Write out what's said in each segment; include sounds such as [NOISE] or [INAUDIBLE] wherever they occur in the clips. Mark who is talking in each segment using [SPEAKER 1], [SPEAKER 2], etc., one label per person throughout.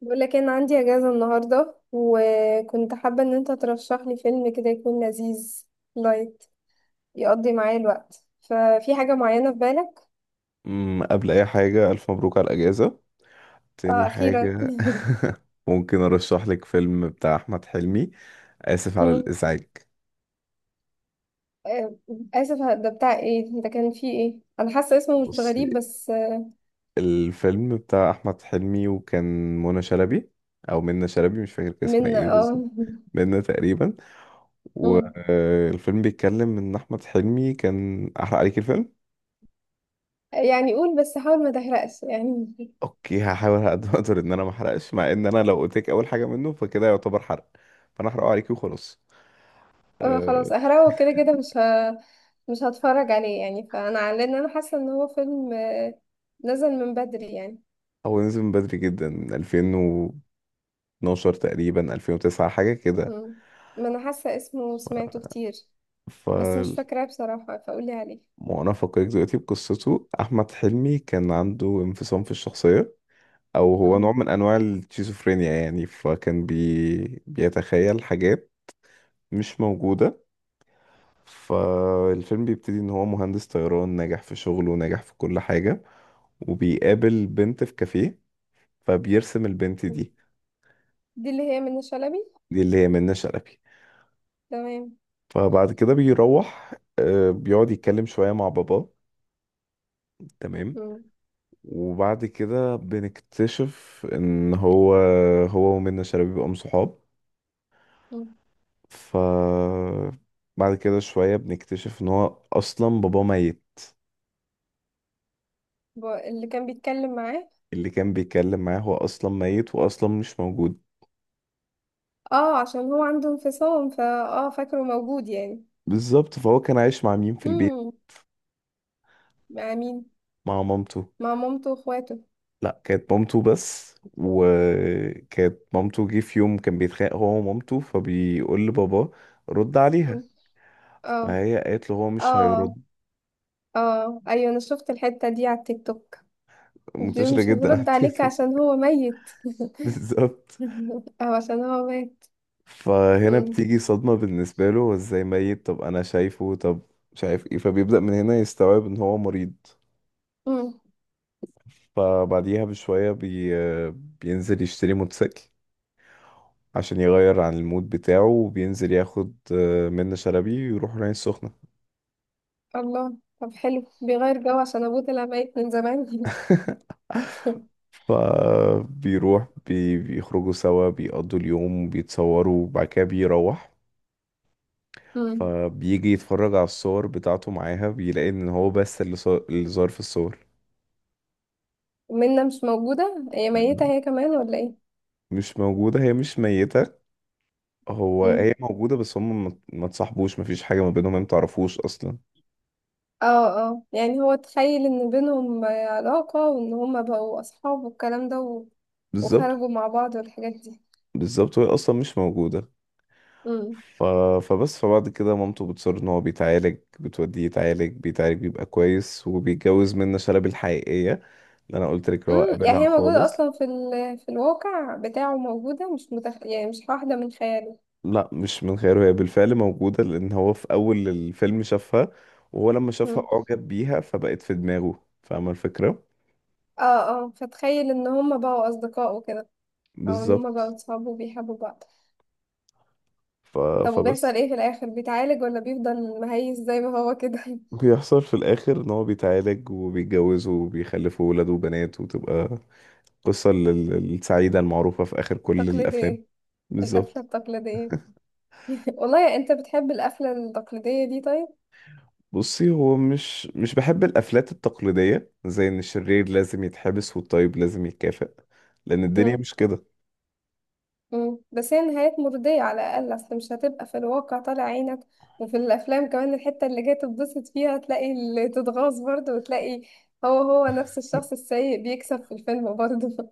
[SPEAKER 1] بقول لك إيه، انا عندي اجازه النهارده، وكنت حابه ان انت ترشح لي فيلم كده يكون لذيذ لايت يقضي معايا الوقت. ففي حاجه معينه في بالك؟
[SPEAKER 2] قبل اي حاجة الف مبروك على الاجازة. تاني
[SPEAKER 1] اه، اخيرا. [LAUGHS]
[SPEAKER 2] حاجة، [LAUGHS] ممكن ارشح لك فيلم بتاع احمد حلمي. اسف على
[SPEAKER 1] أمم.
[SPEAKER 2] الازعاج.
[SPEAKER 1] آه، اسف. ده بتاع ايه؟ ده كان فيه ايه؟ انا حاسه اسمه مش
[SPEAKER 2] بص،
[SPEAKER 1] غريب بس
[SPEAKER 2] الفيلم بتاع احمد حلمي وكان منى شلبي، او منى شلبي مش فاكر كان اسمها
[SPEAKER 1] من
[SPEAKER 2] ايه بالظبط،
[SPEAKER 1] [LAUGHS]
[SPEAKER 2] منى تقريبا.
[SPEAKER 1] أمم.
[SPEAKER 2] والفيلم بيتكلم ان احمد حلمي كان، احرق عليك الفيلم.
[SPEAKER 1] يعني قول بس حاول ما تحرقش يعني.
[SPEAKER 2] اوكي هحاول على قد ما اقدر ان انا ما احرقش، مع ان انا لو قلت لك اول حاجه منه فكده يعتبر حرق، فانا احرقه عليكي وخلاص.
[SPEAKER 1] اه
[SPEAKER 2] آه،
[SPEAKER 1] خلاص احرقه كده كده مش هتفرج عليه يعني، لان انا حاسه ان هو فيلم نزل من بدري يعني.
[SPEAKER 2] هو نزل من بدري جدا، من 2012 تقريبا 2009 حاجة كده.
[SPEAKER 1] مم. ما انا حاسه اسمه سمعته كتير،
[SPEAKER 2] ف
[SPEAKER 1] بس مش فاكراه بصراحه، فقولي عليه.
[SPEAKER 2] وأنا أفكرك دلوقتي بقصته. أحمد حلمي كان عنده انفصام في الشخصية، أو هو نوع
[SPEAKER 1] مم.
[SPEAKER 2] من أنواع الشيزوفرينيا يعني، فكان بيتخيل حاجات مش موجودة. فالفيلم بيبتدي إن هو مهندس طيران ناجح في شغله، ناجح في كل حاجة، وبيقابل بنت في كافيه، فبيرسم البنت
[SPEAKER 1] مم.
[SPEAKER 2] دي.
[SPEAKER 1] دي اللي هي منة شلبي.
[SPEAKER 2] دي اللي هي منة شلبي.
[SPEAKER 1] تمام.
[SPEAKER 2] فبعد كده بيروح بيقعد يتكلم شوية مع باباه. تمام.
[SPEAKER 1] مم.
[SPEAKER 2] وبعد كده بنكتشف ان هو ومنة شلبي بيبقوا صحاب.
[SPEAKER 1] مم.
[SPEAKER 2] ف بعد كده شوية بنكتشف ان هو اصلا باباه ميت.
[SPEAKER 1] اللي كان بيتكلم معاه.
[SPEAKER 2] اللي كان بيتكلم معاه هو اصلا ميت واصلا مش موجود.
[SPEAKER 1] اه، عشان هو عنده انفصام، فا اه فاكره موجود يعني.
[SPEAKER 2] بالظبط. فهو كان عايش مع مين في البيت؟
[SPEAKER 1] مم. مع مين؟
[SPEAKER 2] مع مامته.
[SPEAKER 1] مع مامته واخواته.
[SPEAKER 2] لا كانت مامته بس، وكانت مامته جه في يوم كان بيتخانق هو ومامته، فبيقول لباباه رد
[SPEAKER 1] مم.
[SPEAKER 2] عليها،
[SPEAKER 1] اه،
[SPEAKER 2] فهي قالت له هو مش
[SPEAKER 1] اه،
[SPEAKER 2] هيرد.
[SPEAKER 1] اه، ايوه، انا شفت الحته دي على التيك توك. دي
[SPEAKER 2] منتشرة
[SPEAKER 1] مش
[SPEAKER 2] جدا على
[SPEAKER 1] هترد
[SPEAKER 2] التيك
[SPEAKER 1] عليك
[SPEAKER 2] توك.
[SPEAKER 1] عشان هو ميت.
[SPEAKER 2] [LAUGHS] بالظبط.
[SPEAKER 1] [LAUGHS] او عشان هو مات.
[SPEAKER 2] فهنا
[SPEAKER 1] مم.
[SPEAKER 2] بتيجي صدمة بالنسبة له، هو ازاي ميت، طب انا شايفه، طب مش عارف ايه. فبيبدأ من هنا يستوعب ان هو مريض.
[SPEAKER 1] مم.
[SPEAKER 2] فبعديها بشوية بينزل يشتري موتوسيكل عشان يغير عن المود بتاعه، وبينزل ياخد منة شلبي ويروح العين السخنة.
[SPEAKER 1] الله، طب حلو، بيغير جو عشان ابوه طلع ميت من زمان. [LAUGHS]
[SPEAKER 2] [LAUGHS] فبيروح بيخرجوا سوا، بيقضوا اليوم، بيتصوروا، وبعد كده بيروح.
[SPEAKER 1] امم
[SPEAKER 2] فبيجي يتفرج على الصور بتاعته معاها، بيلاقي ان هو بس اللي اللي ظاهر في الصور.
[SPEAKER 1] منة مش موجودة؟ هي ميتة هي كمان ولا ايه؟
[SPEAKER 2] مش موجودة، هي مش ميتة. هو، هي
[SPEAKER 1] امم
[SPEAKER 2] موجودة، بس هم ما تصاحبوش، مفيش حاجة ما بينهم، هي متعرفوش أصلا.
[SPEAKER 1] اه، اه، يعني هو تخيل ان بينهم علاقة وان هما بقوا اصحاب والكلام ده و...
[SPEAKER 2] بالظبط
[SPEAKER 1] وخرجوا مع بعض والحاجات دي.
[SPEAKER 2] بالظبط وهي أصلا مش موجودة.
[SPEAKER 1] امم
[SPEAKER 2] ف... فبعد كده مامته بتصر إن هو بيتعالج، بتوديه يتعالج، بيتعالج، بيبقى كويس، وبيتجوز منة شلبي الحقيقية اللي أنا قلت لك اللي هو
[SPEAKER 1] يعني
[SPEAKER 2] قابلها
[SPEAKER 1] هي موجودة
[SPEAKER 2] خالص.
[SPEAKER 1] اصلا في ال... في الواقع بتاعه موجودة مش متخ... يعني مش واحدة من خياله.
[SPEAKER 2] لا مش من خيره، هي بالفعل موجودة، لأن هو في أول الفيلم شافها، وهو لما شافها
[SPEAKER 1] امم
[SPEAKER 2] أعجب بيها، فبقت في دماغه. فاهمة الفكرة؟
[SPEAKER 1] اه، اه، فتخيل ان هما بقوا اصدقاء وكده، او ان هما بقوا
[SPEAKER 2] بالظبط.
[SPEAKER 1] اصحاب وبيحبوا بعض.
[SPEAKER 2] ف...
[SPEAKER 1] طب وبيحصل
[SPEAKER 2] فبس
[SPEAKER 1] ايه في الاخر، بيتعالج ولا بيفضل مهيس زي ما هو كده؟
[SPEAKER 2] بيحصل في الآخر إن هو بيتعالج، وبيتجوزوا، وبيخلفوا ولاد وبنات، وتبقى قصة السعيدة المعروفة في آخر
[SPEAKER 1] [LAUGHS]
[SPEAKER 2] كل الأفلام.
[SPEAKER 1] تقليدية. القفلة
[SPEAKER 2] بالظبط.
[SPEAKER 1] التقليدية. [LAUGHS] والله انت بتحب القفلة التقليدية دي، طيب.
[SPEAKER 2] بصي، هو مش بحب الافلات التقليديه زي ان الشرير لازم يتحبس والطيب لازم يتكافئ، لان الدنيا
[SPEAKER 1] مم.
[SPEAKER 2] مش كده.
[SPEAKER 1] مم. بس هي نهايات مرضية على الأقل، أصل مش هتبقى في الواقع طالع عينك، وفي الأفلام كمان الحتة اللي جاي تتبسط فيها تلاقي اللي تتغاظ برضه، وتلاقي هو هو نفس الشخص السيء بيكسب في الفيلم برضه. [LAUGHS]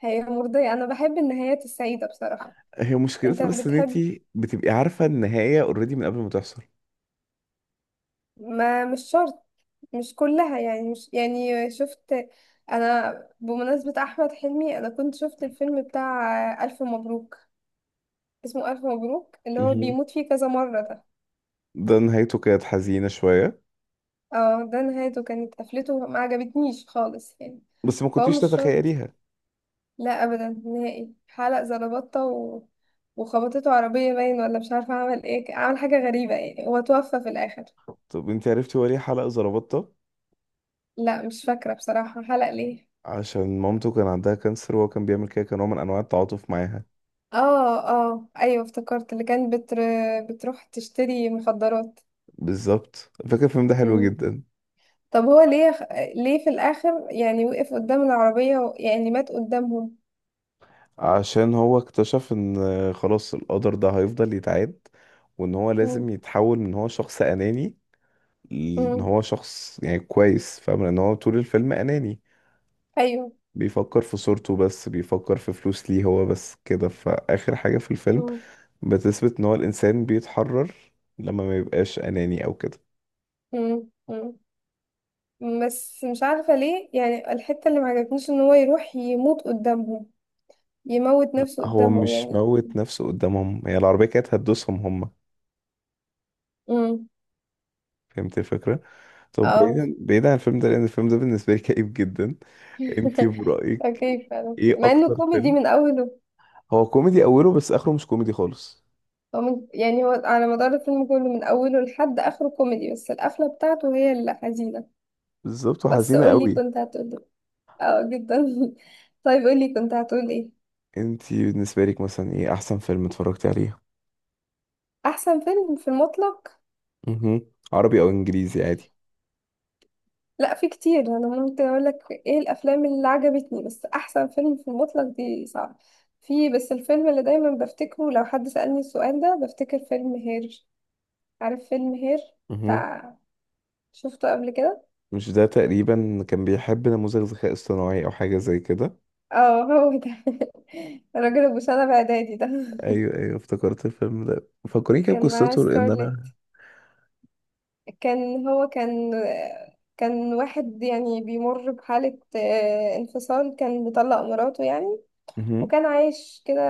[SPEAKER 1] هي مرضية، أنا بحب النهايات السعيدة بصراحة.
[SPEAKER 2] هي
[SPEAKER 1] أنت
[SPEAKER 2] مشكلتها بس ان
[SPEAKER 1] بتحب؟
[SPEAKER 2] انتي بتبقي عارفة النهاية اوريدي من قبل ما تحصل.
[SPEAKER 1] ما مش شرط. مش كلها يعني، مش يعني شفت. انا، بمناسبة احمد حلمي، انا كنت شفت الفيلم بتاع الف مبروك. اسمه الف مبروك اللي هو
[SPEAKER 2] مهم.
[SPEAKER 1] بيموت فيه كذا مرة ده.
[SPEAKER 2] ده نهايته كانت حزينة شوية.
[SPEAKER 1] اه، ده نهايته كانت قفلته ما عجبتنيش خالص يعني.
[SPEAKER 2] بس ما
[SPEAKER 1] فهو
[SPEAKER 2] كنتيش
[SPEAKER 1] مش شرط.
[SPEAKER 2] تتخيليها.
[SPEAKER 1] لا ابدا نهائي، حلق زلبطة و... وخبطته عربية باين، ولا مش عارفة عمل ايه، عمل حاجة غريبة يعني هو توفى في الاخر.
[SPEAKER 2] طب انتي عرفتي هو ليه حلق زربطة؟
[SPEAKER 1] لا مش فاكرة بصراحة، حلق ليه؟
[SPEAKER 2] عشان مامته كان عندها كانسر، وهو كان بيعمل كده، كان نوع من انواع التعاطف معاها.
[SPEAKER 1] اه، اه ايوه افتكرت اللي كانت بتر... بتروح تشتري مخدرات.
[SPEAKER 2] بالظبط. فاكر الفيلم ده حلو
[SPEAKER 1] مم.
[SPEAKER 2] جدا.
[SPEAKER 1] طب هو ليه؟ ليه في الاخر يعني وقف قدام العربية و... يعني مات قدامهم؟
[SPEAKER 2] عشان هو اكتشف ان خلاص القدر ده هيفضل يتعاد، وان هو
[SPEAKER 1] مم.
[SPEAKER 2] لازم يتحول من هو شخص اناني. ان
[SPEAKER 1] مم.
[SPEAKER 2] هو شخص يعني كويس. فاهم ان هو طول الفيلم اناني،
[SPEAKER 1] ايوه.
[SPEAKER 2] بيفكر في صورته بس، بيفكر في فلوس ليه هو بس كده. فآخر حاجة في الفيلم
[SPEAKER 1] مم.
[SPEAKER 2] بتثبت ان هو الانسان بيتحرر لما ما يبقاش اناني او كده.
[SPEAKER 1] مم. مم. بس مش عارفة ليه يعني الحتة اللي ما عجبتنيش ان هو يروح يموت قدامهم، يموت نفسه
[SPEAKER 2] هو
[SPEAKER 1] قدامهم
[SPEAKER 2] مش
[SPEAKER 1] يعني.
[SPEAKER 2] موت نفسه قدامهم، هي العربية كانت هتدوسهم هم.
[SPEAKER 1] مم.
[SPEAKER 2] فهمت الفكرة. طب
[SPEAKER 1] اه.
[SPEAKER 2] بعيدا عن الفيلم ده، لان الفيلم ده بالنسبة لي [LAUGHS] كئيب جدا. انتي
[SPEAKER 1] [LAUGHS]
[SPEAKER 2] برأيك
[SPEAKER 1] اوكي، فعلا
[SPEAKER 2] ايه
[SPEAKER 1] مع انه
[SPEAKER 2] اكتر
[SPEAKER 1] كوميدي
[SPEAKER 2] فيلم؟
[SPEAKER 1] من اوله.
[SPEAKER 2] هو كوميدي اوله بس اخره مش كوميدي خالص.
[SPEAKER 1] هو يعني هو على مدار الفيلم كله من أوله لحد آخره كوميدي، بس القفلة بتاعته هي اللي حزينة.
[SPEAKER 2] بالظبط،
[SPEAKER 1] بس
[SPEAKER 2] وحزينة
[SPEAKER 1] قولي
[SPEAKER 2] قوي.
[SPEAKER 1] كنت هتقولي. اه، جدا. [LAUGHS] طيب قولي كنت هتقول ايه؟
[SPEAKER 2] انتي بالنسبة لك مثلا ايه احسن فيلم اتفرجتي عليه؟
[SPEAKER 1] أحسن فيلم في المطلق؟
[SPEAKER 2] مهم. عربي او انجليزي عادي.
[SPEAKER 1] لا في كتير، أنا ممكن أقولك ايه الأفلام اللي عجبتني، بس أحسن فيلم في المطلق دي صعب. في بس الفيلم اللي دايما بفتكره لو حد سألني السؤال ده، بفتكر فيلم هير. عارف فيلم هير
[SPEAKER 2] مهم.
[SPEAKER 1] بتاع، شفته قبل كده؟
[SPEAKER 2] مش ده تقريبا كان بيحب نموذج ذكاء اصطناعي او حاجه زي كده؟
[SPEAKER 1] اه هو ده. [LAUGHS] الراجل ابو سنة بإعدادي ده.
[SPEAKER 2] ايوه ايوه، افتكرت الفيلم ده، فكرني كده
[SPEAKER 1] كان معاه
[SPEAKER 2] بقصته لان انا.
[SPEAKER 1] سكارلت. كان هو كان واحد يعني بيمر بحالة انفصال، كان مطلق مراته يعني،
[SPEAKER 2] مهم.
[SPEAKER 1] وكان عايش كده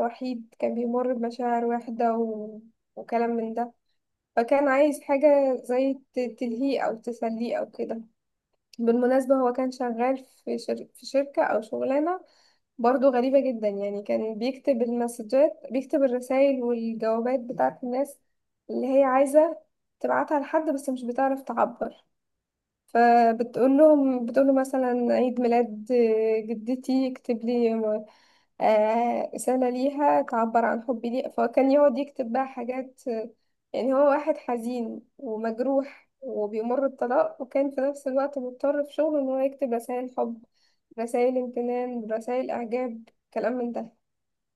[SPEAKER 1] وحيد، كان بيمر بمشاعر واحدة و... وكلام من ده. فكان عايز حاجة زي تلهيه أو تسليه أو كده. بالمناسبة هو كان شغال في في شركة أو شغلانة برضو غريبة جدا يعني. كان بيكتب المسجات، بيكتب الرسائل والجوابات بتاعت الناس اللي هي عايزة تبعتها لحد بس مش بتعرف تعبر، فبتقول لهم بتقول له مثلا عيد ميلاد جدتي اكتب لي رسالة ليها تعبر عن حبي ليها، فكان يقعد يكتب بقى حاجات. يعني هو واحد حزين ومجروح وبيمر بطلاق، وكان في نفس الوقت مضطر في شغله ان هو يكتب رسائل حب، رسائل امتنان، رسائل اعجاب، كلام من ده.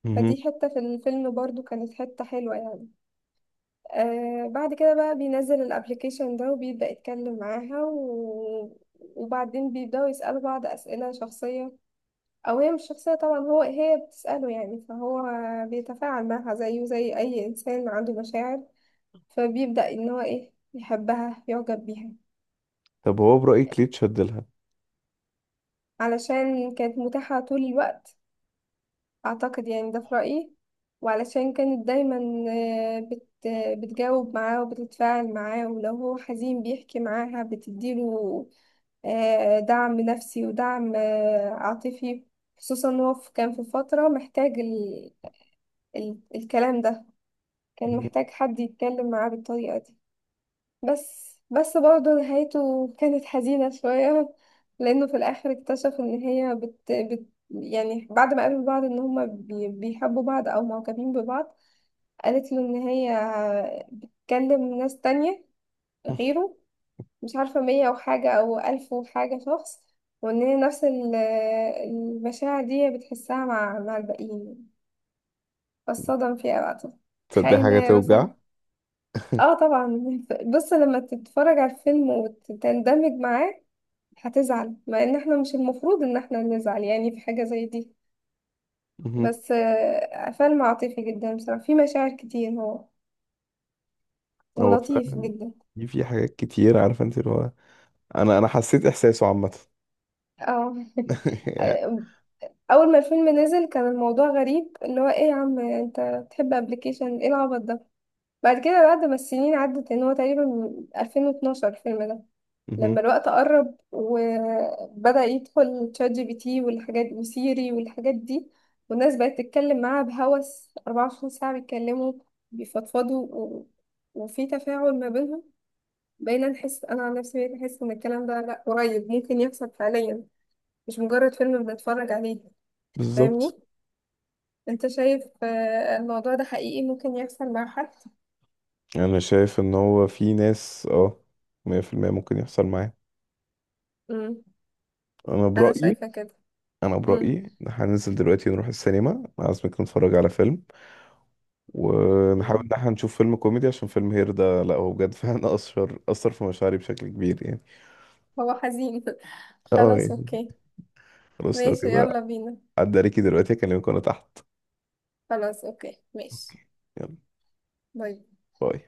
[SPEAKER 2] مهم.
[SPEAKER 1] فدي حتة في الفيلم برضو كانت حتة حلوة يعني. آه بعد كده بقى بينزل الابليكيشن ده وبيبدأ يتكلم معاها و... وبعدين بيبدأوا يسألوا بعض أسئلة شخصية، أو هي مش شخصية طبعا، هو هي بتسأله يعني، فهو بيتفاعل معاها زيه زي أي إنسان عنده مشاعر. فبيبدأ إن هو إيه يحبها يعجب بيها.
[SPEAKER 2] طب هو برايك ليه اتشد لها؟
[SPEAKER 1] علشان كانت متاحة طول الوقت أعتقد يعني، ده في رأيي، وعلشان كانت دايما آه، بت... بتجاوب معاه وبتتفاعل معاه، ولو هو حزين بيحكي معاها بتديله دعم نفسي ودعم عاطفي. خصوصا إن هو كان في فترة محتاج الكلام ده، كان
[SPEAKER 2] مهم.
[SPEAKER 1] محتاج حد يتكلم معاه بالطريقة دي. بس بس برضه نهايته كانت حزينة شوية. [LAUGHS] لأنه في الآخر اكتشف إن هي يعني بعد ما قابلوا بعض إن هما بيحبوا بعض أو معجبين ببعض، قالت له إن هي بتكلم ناس تانية غيره، مش عارفة مية وحاجة أو ألف وحاجة شخص، وإن هي نفس المشاعر دي بتحسها مع الباقيين. فالصدم فيها بقى طبعاً.
[SPEAKER 2] تصدق حاجه
[SPEAKER 1] خاينة
[SPEAKER 2] توجع.
[SPEAKER 1] مثلا. اه طبعا. [LAUGHS] بص لما تتفرج على الفيلم وتندمج معاه هتزعل، مع ان احنا مش المفروض ان احنا نزعل يعني في حاجة زي دي.
[SPEAKER 2] مهم.
[SPEAKER 1] بس فيلم عاطفي جدا بصراحة، فيه مشاعر كتير هو،
[SPEAKER 2] هو
[SPEAKER 1] ولطيف
[SPEAKER 2] فعلا.
[SPEAKER 1] جدا.
[SPEAKER 2] في حاجات كتير عارفه انت اللي هو، انا حسيت احساسه عامه.
[SPEAKER 1] اه. [LAUGHS]
[SPEAKER 2] [LAUGHS] يعني.
[SPEAKER 1] اول ما الفيلم نزل كان الموضوع غريب، اللي هو ايه يا عم انت بتحب ابلكيشن، ايه العبط ده. بعد كده، بعد ما السنين عدت ان هو تقريبا من 2012 الفيلم ده،
[SPEAKER 2] مهم.
[SPEAKER 1] لما الوقت قرب وبدأ يدخل تشات جي بي تي والحاجات وسيري والحاجات دي، والناس بقت تتكلم معاها بهوس 24 ساعة بيتكلموا بيفضفضوا و... وفي تفاعل ما بينهم، بقينا نحس، انا عن نفسي بقيت احس ان الكلام ده لا قريب ممكن يحصل فعليا، مش مجرد فيلم بنتفرج عليه.
[SPEAKER 2] بالظبط.
[SPEAKER 1] فاهمني، انت شايف الموضوع ده حقيقي ممكن يحصل مع حد.
[SPEAKER 2] انا شايف ان هو في ناس، اه، 100% ممكن يحصل معاه.
[SPEAKER 1] امم
[SPEAKER 2] انا
[SPEAKER 1] انا
[SPEAKER 2] برايي.
[SPEAKER 1] شايفة كده.
[SPEAKER 2] انا
[SPEAKER 1] امم
[SPEAKER 2] برايي إن إحنا هننزل دلوقتي نروح السينما، عايزك نتفرج على فيلم، ونحاول ان
[SPEAKER 1] امم
[SPEAKER 2] احنا نشوف فيلم كوميدي، عشان فيلم هير ده لا، هو بجد فعلا [LAUGHS] اثر في مشاعري بشكل كبير يعني.
[SPEAKER 1] هو حزين. [LAUGHS]
[SPEAKER 2] اه
[SPEAKER 1] خلاص
[SPEAKER 2] يعني
[SPEAKER 1] اوكي.
[SPEAKER 2] خلاص لو
[SPEAKER 1] ماشي
[SPEAKER 2] كده.
[SPEAKER 1] يلا بينا.
[SPEAKER 2] عدى عليكي دلوقتي اكلمك وانا تحت.
[SPEAKER 1] خلاص اوكي ماشي.
[SPEAKER 2] اوكي. يلا.
[SPEAKER 1] باي.
[SPEAKER 2] باي.